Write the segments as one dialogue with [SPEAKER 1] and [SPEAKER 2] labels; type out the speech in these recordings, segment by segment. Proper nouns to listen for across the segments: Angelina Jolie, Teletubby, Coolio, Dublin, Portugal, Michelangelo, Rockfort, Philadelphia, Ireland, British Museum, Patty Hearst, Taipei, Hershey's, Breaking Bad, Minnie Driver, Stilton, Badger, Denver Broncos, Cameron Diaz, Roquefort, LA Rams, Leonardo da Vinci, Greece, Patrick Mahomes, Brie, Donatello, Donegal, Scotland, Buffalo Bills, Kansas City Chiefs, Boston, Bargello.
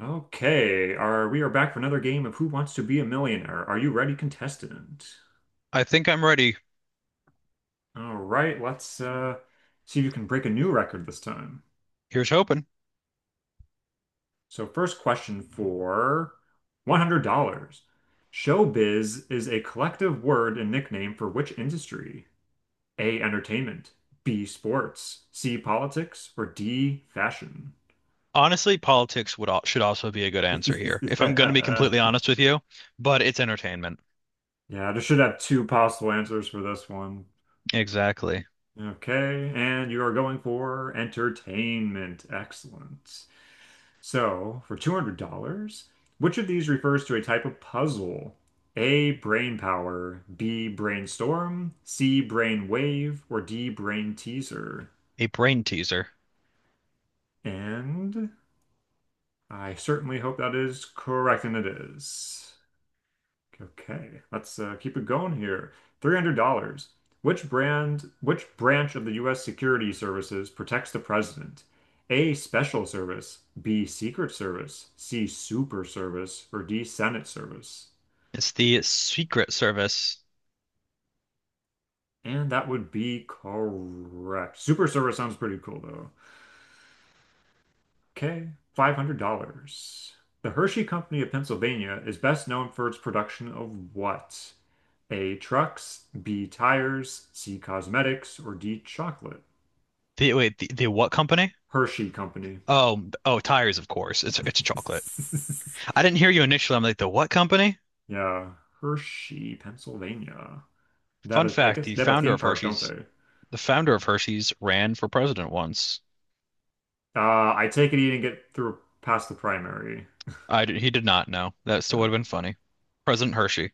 [SPEAKER 1] Okay, are we are back for another game of Who Wants to Be a Millionaire? Are you ready, contestant?
[SPEAKER 2] I think I'm ready.
[SPEAKER 1] All right, let's see if you can break a new record this time.
[SPEAKER 2] Here's hoping.
[SPEAKER 1] So first question for $100. Showbiz is a collective word and nickname for which industry? A, entertainment, B, sports, C, politics, or D, fashion?
[SPEAKER 2] Honestly, politics would al should also be a good answer here, if I'm going to be completely honest with you, but it's entertainment.
[SPEAKER 1] Yeah, there should have two possible answers for this one.
[SPEAKER 2] Exactly.
[SPEAKER 1] Okay, and you are going for entertainment. Excellent. So, for $200, which of these refers to a type of puzzle? A, brain power, B, brainstorm, C, brain wave, or D, brain teaser?
[SPEAKER 2] A brain teaser.
[SPEAKER 1] And I certainly hope that is correct, and it is. Okay, let's keep it going here. $300. Which branch of the U.S. Security Services protects the president? A, Special Service, B, Secret Service, C, Super Service, or D, Senate Service?
[SPEAKER 2] It's the Secret Service.
[SPEAKER 1] And that would be correct. Super Service sounds pretty cool though. Okay, $500. The Hershey Company of Pennsylvania is best known for its production of what? A. Trucks, B. Tires, C. Cosmetics, or D. Chocolate.
[SPEAKER 2] The wait, the what company?
[SPEAKER 1] Hershey Company.
[SPEAKER 2] Oh, oh, tires, of course. It's chocolate. I didn't hear you initially. I'm like, the what company?
[SPEAKER 1] Yeah, Hershey, Pennsylvania.
[SPEAKER 2] Fun
[SPEAKER 1] I
[SPEAKER 2] fact,
[SPEAKER 1] guess they have a theme park, don't they?
[SPEAKER 2] The founder of Hershey's ran for president once.
[SPEAKER 1] I take it you didn't get through past the primary.
[SPEAKER 2] He did not know. That still would
[SPEAKER 1] Uh,
[SPEAKER 2] have been funny. President Hershey.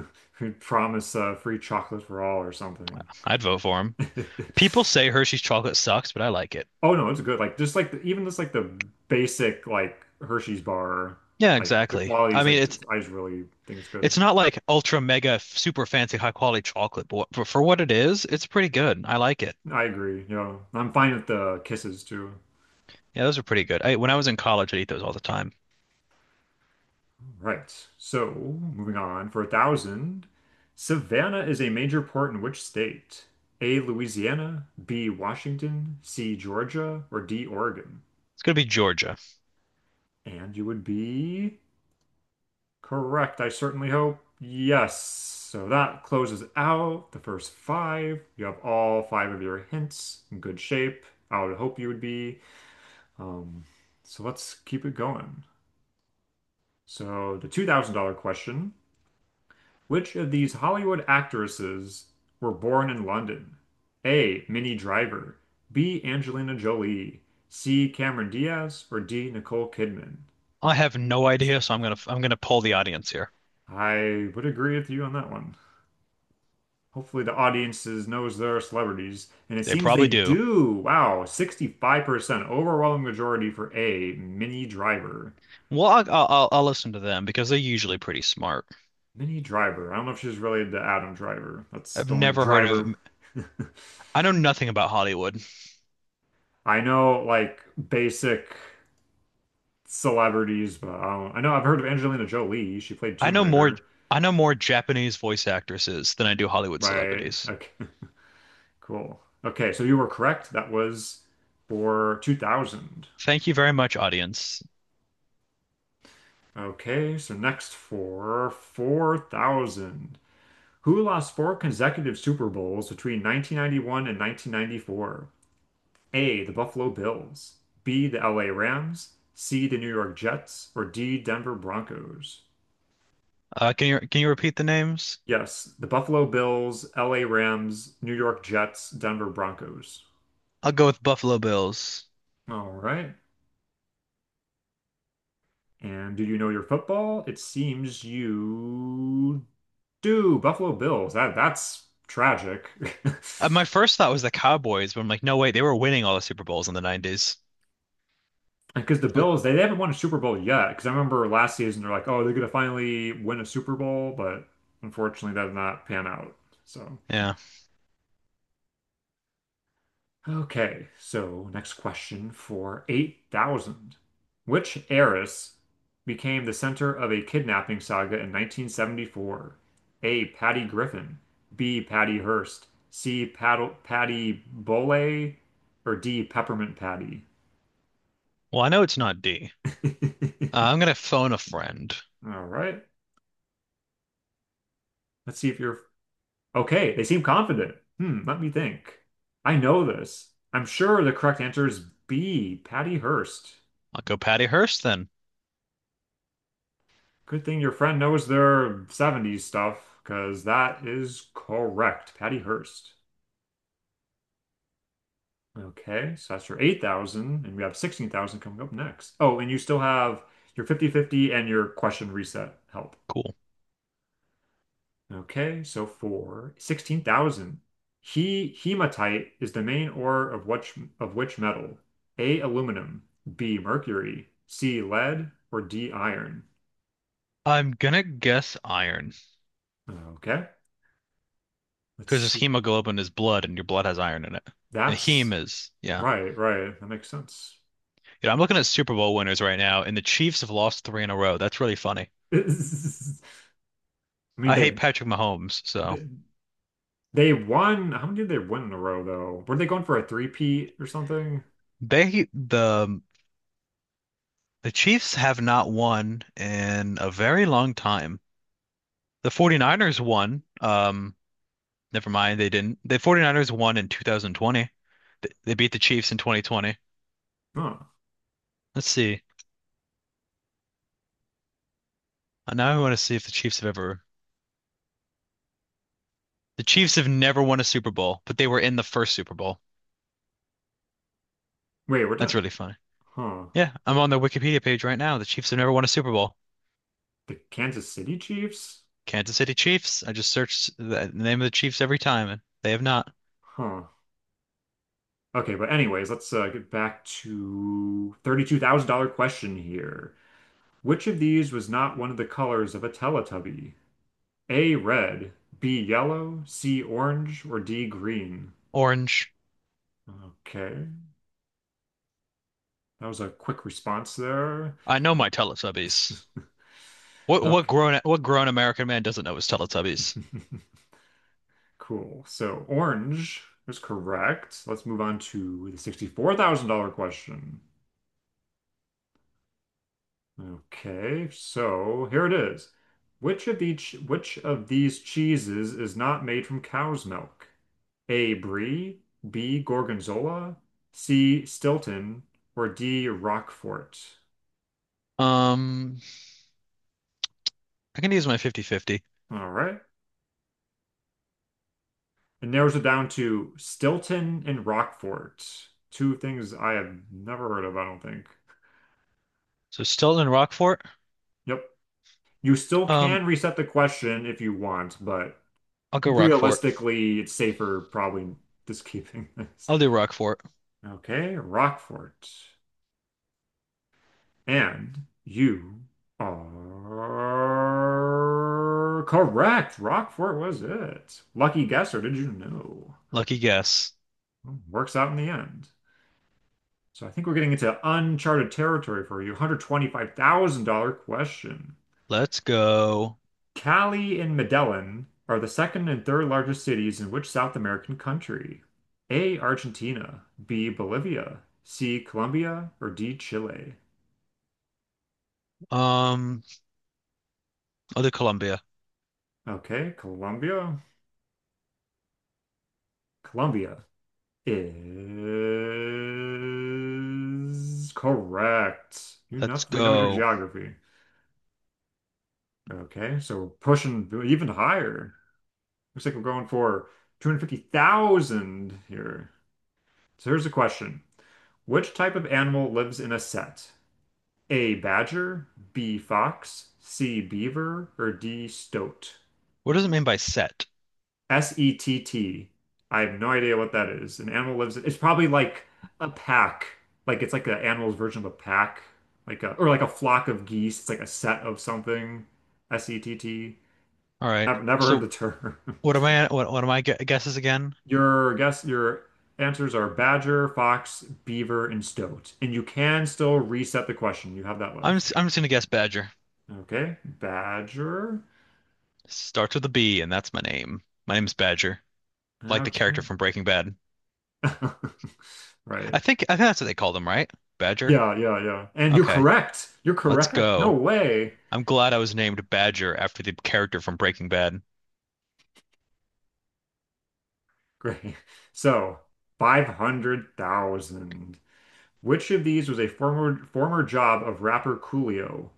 [SPEAKER 1] we promise free chocolate for all or something.
[SPEAKER 2] I'd vote for him. People say Hershey's chocolate sucks, but I like it.
[SPEAKER 1] Oh no, it's good. Like just like even just like the basic like Hershey's bar,
[SPEAKER 2] Yeah,
[SPEAKER 1] like the
[SPEAKER 2] exactly.
[SPEAKER 1] quality
[SPEAKER 2] I
[SPEAKER 1] is
[SPEAKER 2] mean,
[SPEAKER 1] I just really think it's good.
[SPEAKER 2] it's not like ultra mega super fancy high quality chocolate, but for what it is, it's pretty good. I like it.
[SPEAKER 1] I agree. I'm fine with the kisses too.
[SPEAKER 2] Yeah, those are pretty good. I, when I was in college, I'd eat those all the time.
[SPEAKER 1] Right. So moving on for a thousand, Savannah is a major port in which state? A. Louisiana, B. Washington, C. Georgia, or D. Oregon?
[SPEAKER 2] It's gonna be Georgia.
[SPEAKER 1] And you would be correct, I certainly hope. Yes. So that closes out the first five. You have all five of your hints in good shape. I would hope you would be. Um, so let's keep it going. So, the $2,000 question. Which of these Hollywood actresses were born in London? A. Minnie Driver, B. Angelina Jolie, C. Cameron Diaz, or D. Nicole Kidman?
[SPEAKER 2] I have no idea, so I'm gonna poll the audience here.
[SPEAKER 1] I would agree with you on that one. Hopefully the audiences knows they're celebrities, and it
[SPEAKER 2] They
[SPEAKER 1] seems they
[SPEAKER 2] probably do.
[SPEAKER 1] do. Wow, 65% overwhelming majority for A, Minnie Driver.
[SPEAKER 2] Well, I'll listen to them because they're usually pretty smart.
[SPEAKER 1] Minnie Driver. I don't know if she's related to Adam Driver. That's
[SPEAKER 2] I've
[SPEAKER 1] the only
[SPEAKER 2] never heard
[SPEAKER 1] driver.
[SPEAKER 2] of. I know nothing about Hollywood.
[SPEAKER 1] I know, like basic celebrities, but I don't, I know I've heard of Angelina Jolie. She played
[SPEAKER 2] I
[SPEAKER 1] Tomb
[SPEAKER 2] know more.
[SPEAKER 1] Raider,
[SPEAKER 2] I know more Japanese voice actresses than I do Hollywood
[SPEAKER 1] right?
[SPEAKER 2] celebrities.
[SPEAKER 1] Okay, cool. Okay, so you were correct. That was for 2000.
[SPEAKER 2] Thank you very much, audience.
[SPEAKER 1] Okay, so next for 4,000. Who lost four consecutive Super Bowls between 1991 and 1994? A. The Buffalo Bills. B. The LA Rams. C. The New York Jets. Or D. Denver Broncos?
[SPEAKER 2] Can you repeat the names?
[SPEAKER 1] Yes, the Buffalo Bills, LA Rams, New York Jets, Denver Broncos.
[SPEAKER 2] I'll go with Buffalo Bills.
[SPEAKER 1] All right. And do you know your football? It seems you do. Buffalo Bills. That's tragic.
[SPEAKER 2] My first thought was the Cowboys, but I'm like, no, wait, they were winning all the Super Bowls in the 90s.
[SPEAKER 1] Because the
[SPEAKER 2] Wh-
[SPEAKER 1] Bills, they haven't won a Super Bowl yet. Because I remember last season, they're like, oh, they're going to finally win a Super Bowl. But unfortunately, that did not pan out. So,
[SPEAKER 2] Yeah.
[SPEAKER 1] okay. So, next question for 8,000. Which heiress became the center of a kidnapping saga in 1974? A. Patty Griffin, B. Patty Hearst, C. Patty Bole, or D. Peppermint Patty?
[SPEAKER 2] Well, I know it's not D. I'm gonna phone a friend.
[SPEAKER 1] All right. Let's see if you're Okay, they seem confident. Hmm, let me think. I know this. I'm sure the correct answer is B, Patty Hearst.
[SPEAKER 2] I'll go Patty Hearst then.
[SPEAKER 1] Good thing your friend knows their 70s stuff, because that is correct. Patty Hearst. Okay, so that's your 8,000, and we have 16,000 coming up next. Oh, and you still have your fifty-fifty and your question reset help.
[SPEAKER 2] Cool.
[SPEAKER 1] Okay, so for 16,000, he hematite is the main ore of which metal? A, aluminum, B, mercury, C, lead, or D, iron.
[SPEAKER 2] I'm gonna guess iron
[SPEAKER 1] Okay, let's
[SPEAKER 2] because his
[SPEAKER 1] see.
[SPEAKER 2] hemoglobin is blood, and your blood has iron in it. And
[SPEAKER 1] That's
[SPEAKER 2] heme is, yeah.
[SPEAKER 1] right, right. That makes sense.
[SPEAKER 2] You know, I'm looking at Super Bowl winners right now, and the Chiefs have lost three in a row. That's really funny.
[SPEAKER 1] I mean
[SPEAKER 2] I hate Patrick Mahomes, so
[SPEAKER 1] they they won. How many did they win in a row though? Were they going for a three-peat or something?
[SPEAKER 2] they the The Chiefs have not won in a very long time. The 49ers won. Never mind, they didn't. The 49ers won in 2020. They beat the Chiefs in 2020.
[SPEAKER 1] Huh.
[SPEAKER 2] Let's see. Now I want to see if the Chiefs have ever. The Chiefs have never won a Super Bowl, but they were in the first Super Bowl.
[SPEAKER 1] Wait, we're
[SPEAKER 2] That's
[SPEAKER 1] done.
[SPEAKER 2] really funny.
[SPEAKER 1] Huh.
[SPEAKER 2] Yeah, I'm on their Wikipedia page right now. The Chiefs have never won a Super Bowl.
[SPEAKER 1] The Kansas City Chiefs?
[SPEAKER 2] Kansas City Chiefs. I just searched the name of the Chiefs every time, and they have not.
[SPEAKER 1] Huh. Okay, but anyways, let's get back to $32,000 question here. Which of these was not one of the colors of a Teletubby? A, red, B, yellow, C, orange, or D, green?
[SPEAKER 2] Orange.
[SPEAKER 1] Okay, that was a quick response there.
[SPEAKER 2] I know my Teletubbies. What what
[SPEAKER 1] Okay.
[SPEAKER 2] grown what grown American man doesn't know his Teletubbies?
[SPEAKER 1] Cool. So orange was correct. Let's move on to the $64,000 question. Okay, so here it is. Which of these cheeses is not made from cow's milk? A, brie, B, gorgonzola, C, Stilton, or D, Roquefort.
[SPEAKER 2] Um, I can use my 50-50.
[SPEAKER 1] All right. It narrows it down to Stilton and Roquefort. Two things I have never heard of, I don't think.
[SPEAKER 2] So Stilton and Rockfort.
[SPEAKER 1] Yep. You still
[SPEAKER 2] Um,
[SPEAKER 1] can reset the question if you want, but
[SPEAKER 2] I'll go Rockfort.
[SPEAKER 1] realistically, it's safer probably just keeping this.
[SPEAKER 2] I'll do Rockfort.
[SPEAKER 1] Okay, Rockfort. And you are correct. Rockfort was it. Lucky guess, or did you know?
[SPEAKER 2] Lucky guess.
[SPEAKER 1] Well, works out in the end. So I think we're getting into uncharted territory for you. $125,000 question.
[SPEAKER 2] Let's go.
[SPEAKER 1] Cali and Medellin are the second and third largest cities in which South American country? A. Argentina, B. Bolivia, C. Colombia, or D. Chile?
[SPEAKER 2] Um, I'll do Columbia.
[SPEAKER 1] Okay, Colombia. Colombia is correct. You
[SPEAKER 2] Let's
[SPEAKER 1] definitely know your
[SPEAKER 2] go.
[SPEAKER 1] geography. Okay, so we're pushing even higher. Looks like we're going for 250,000 here. So here's a question. Which type of animal lives in a set? A, badger, B, fox, C, beaver, or D, stoat?
[SPEAKER 2] What does it mean by set?
[SPEAKER 1] sett. I have no idea what that is. An animal lives It's probably like a pack. Like it's like an animal's version of a pack. Like a flock of geese. It's like a set of something. sett.
[SPEAKER 2] All right.
[SPEAKER 1] Never, never heard
[SPEAKER 2] So
[SPEAKER 1] the term.
[SPEAKER 2] what guesses again?
[SPEAKER 1] Your answers are badger, fox, beaver, and stoat. And you can still reset the question. You have that left.
[SPEAKER 2] I'm just gonna guess Badger.
[SPEAKER 1] Okay. Badger.
[SPEAKER 2] Starts with a B, and that's my name. My name's Badger, like the character
[SPEAKER 1] Okay.
[SPEAKER 2] from Breaking Bad.
[SPEAKER 1] Right.
[SPEAKER 2] I think that's what they called him, right? Badger.
[SPEAKER 1] Yeah, yeah, yeah. And you're
[SPEAKER 2] Okay.
[SPEAKER 1] correct. You're
[SPEAKER 2] Let's
[SPEAKER 1] correct. No
[SPEAKER 2] go.
[SPEAKER 1] way.
[SPEAKER 2] I'm glad I was named Badger after the character from Breaking Bad.
[SPEAKER 1] Great. So, 500,000. Which of these was a former job of rapper Coolio?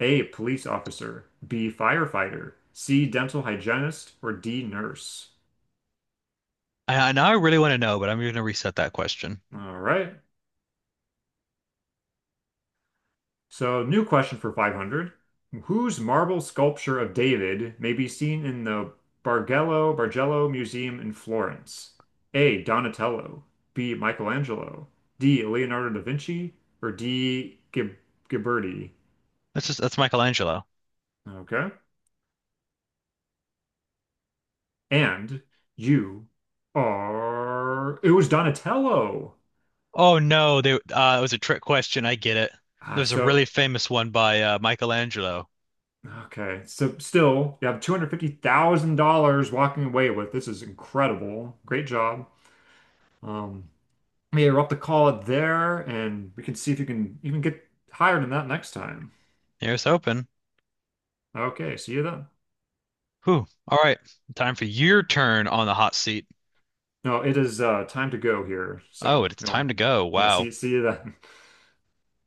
[SPEAKER 1] A, police officer, B, firefighter, C, dental hygienist, or D, nurse?
[SPEAKER 2] I now I really want to know, but I'm going to reset that question.
[SPEAKER 1] All right. So, new question for 500. Whose marble sculpture of David may be seen in the Bargello Museum in Florence? A, Donatello, B, Michelangelo, D, Leonardo da Vinci, or D, Gib Ghiberti?
[SPEAKER 2] That's Michelangelo.
[SPEAKER 1] Okay. And you it was Donatello.
[SPEAKER 2] Oh no, it was a trick question. I get it.
[SPEAKER 1] Ah,
[SPEAKER 2] There's a
[SPEAKER 1] so,
[SPEAKER 2] really famous one by Michelangelo.
[SPEAKER 1] okay. So still, you have $250,000 walking away with. This is incredible. Great job. Um, yeah, we're up to call it there, and we can see if you can even get higher than that next time.
[SPEAKER 2] Here's hoping.
[SPEAKER 1] Okay, see you then.
[SPEAKER 2] Whew. All right, time for your turn on the hot seat.
[SPEAKER 1] No, it is time to go here.
[SPEAKER 2] Oh,
[SPEAKER 1] So,
[SPEAKER 2] it's time to go.
[SPEAKER 1] yeah,
[SPEAKER 2] Wow.
[SPEAKER 1] see you then.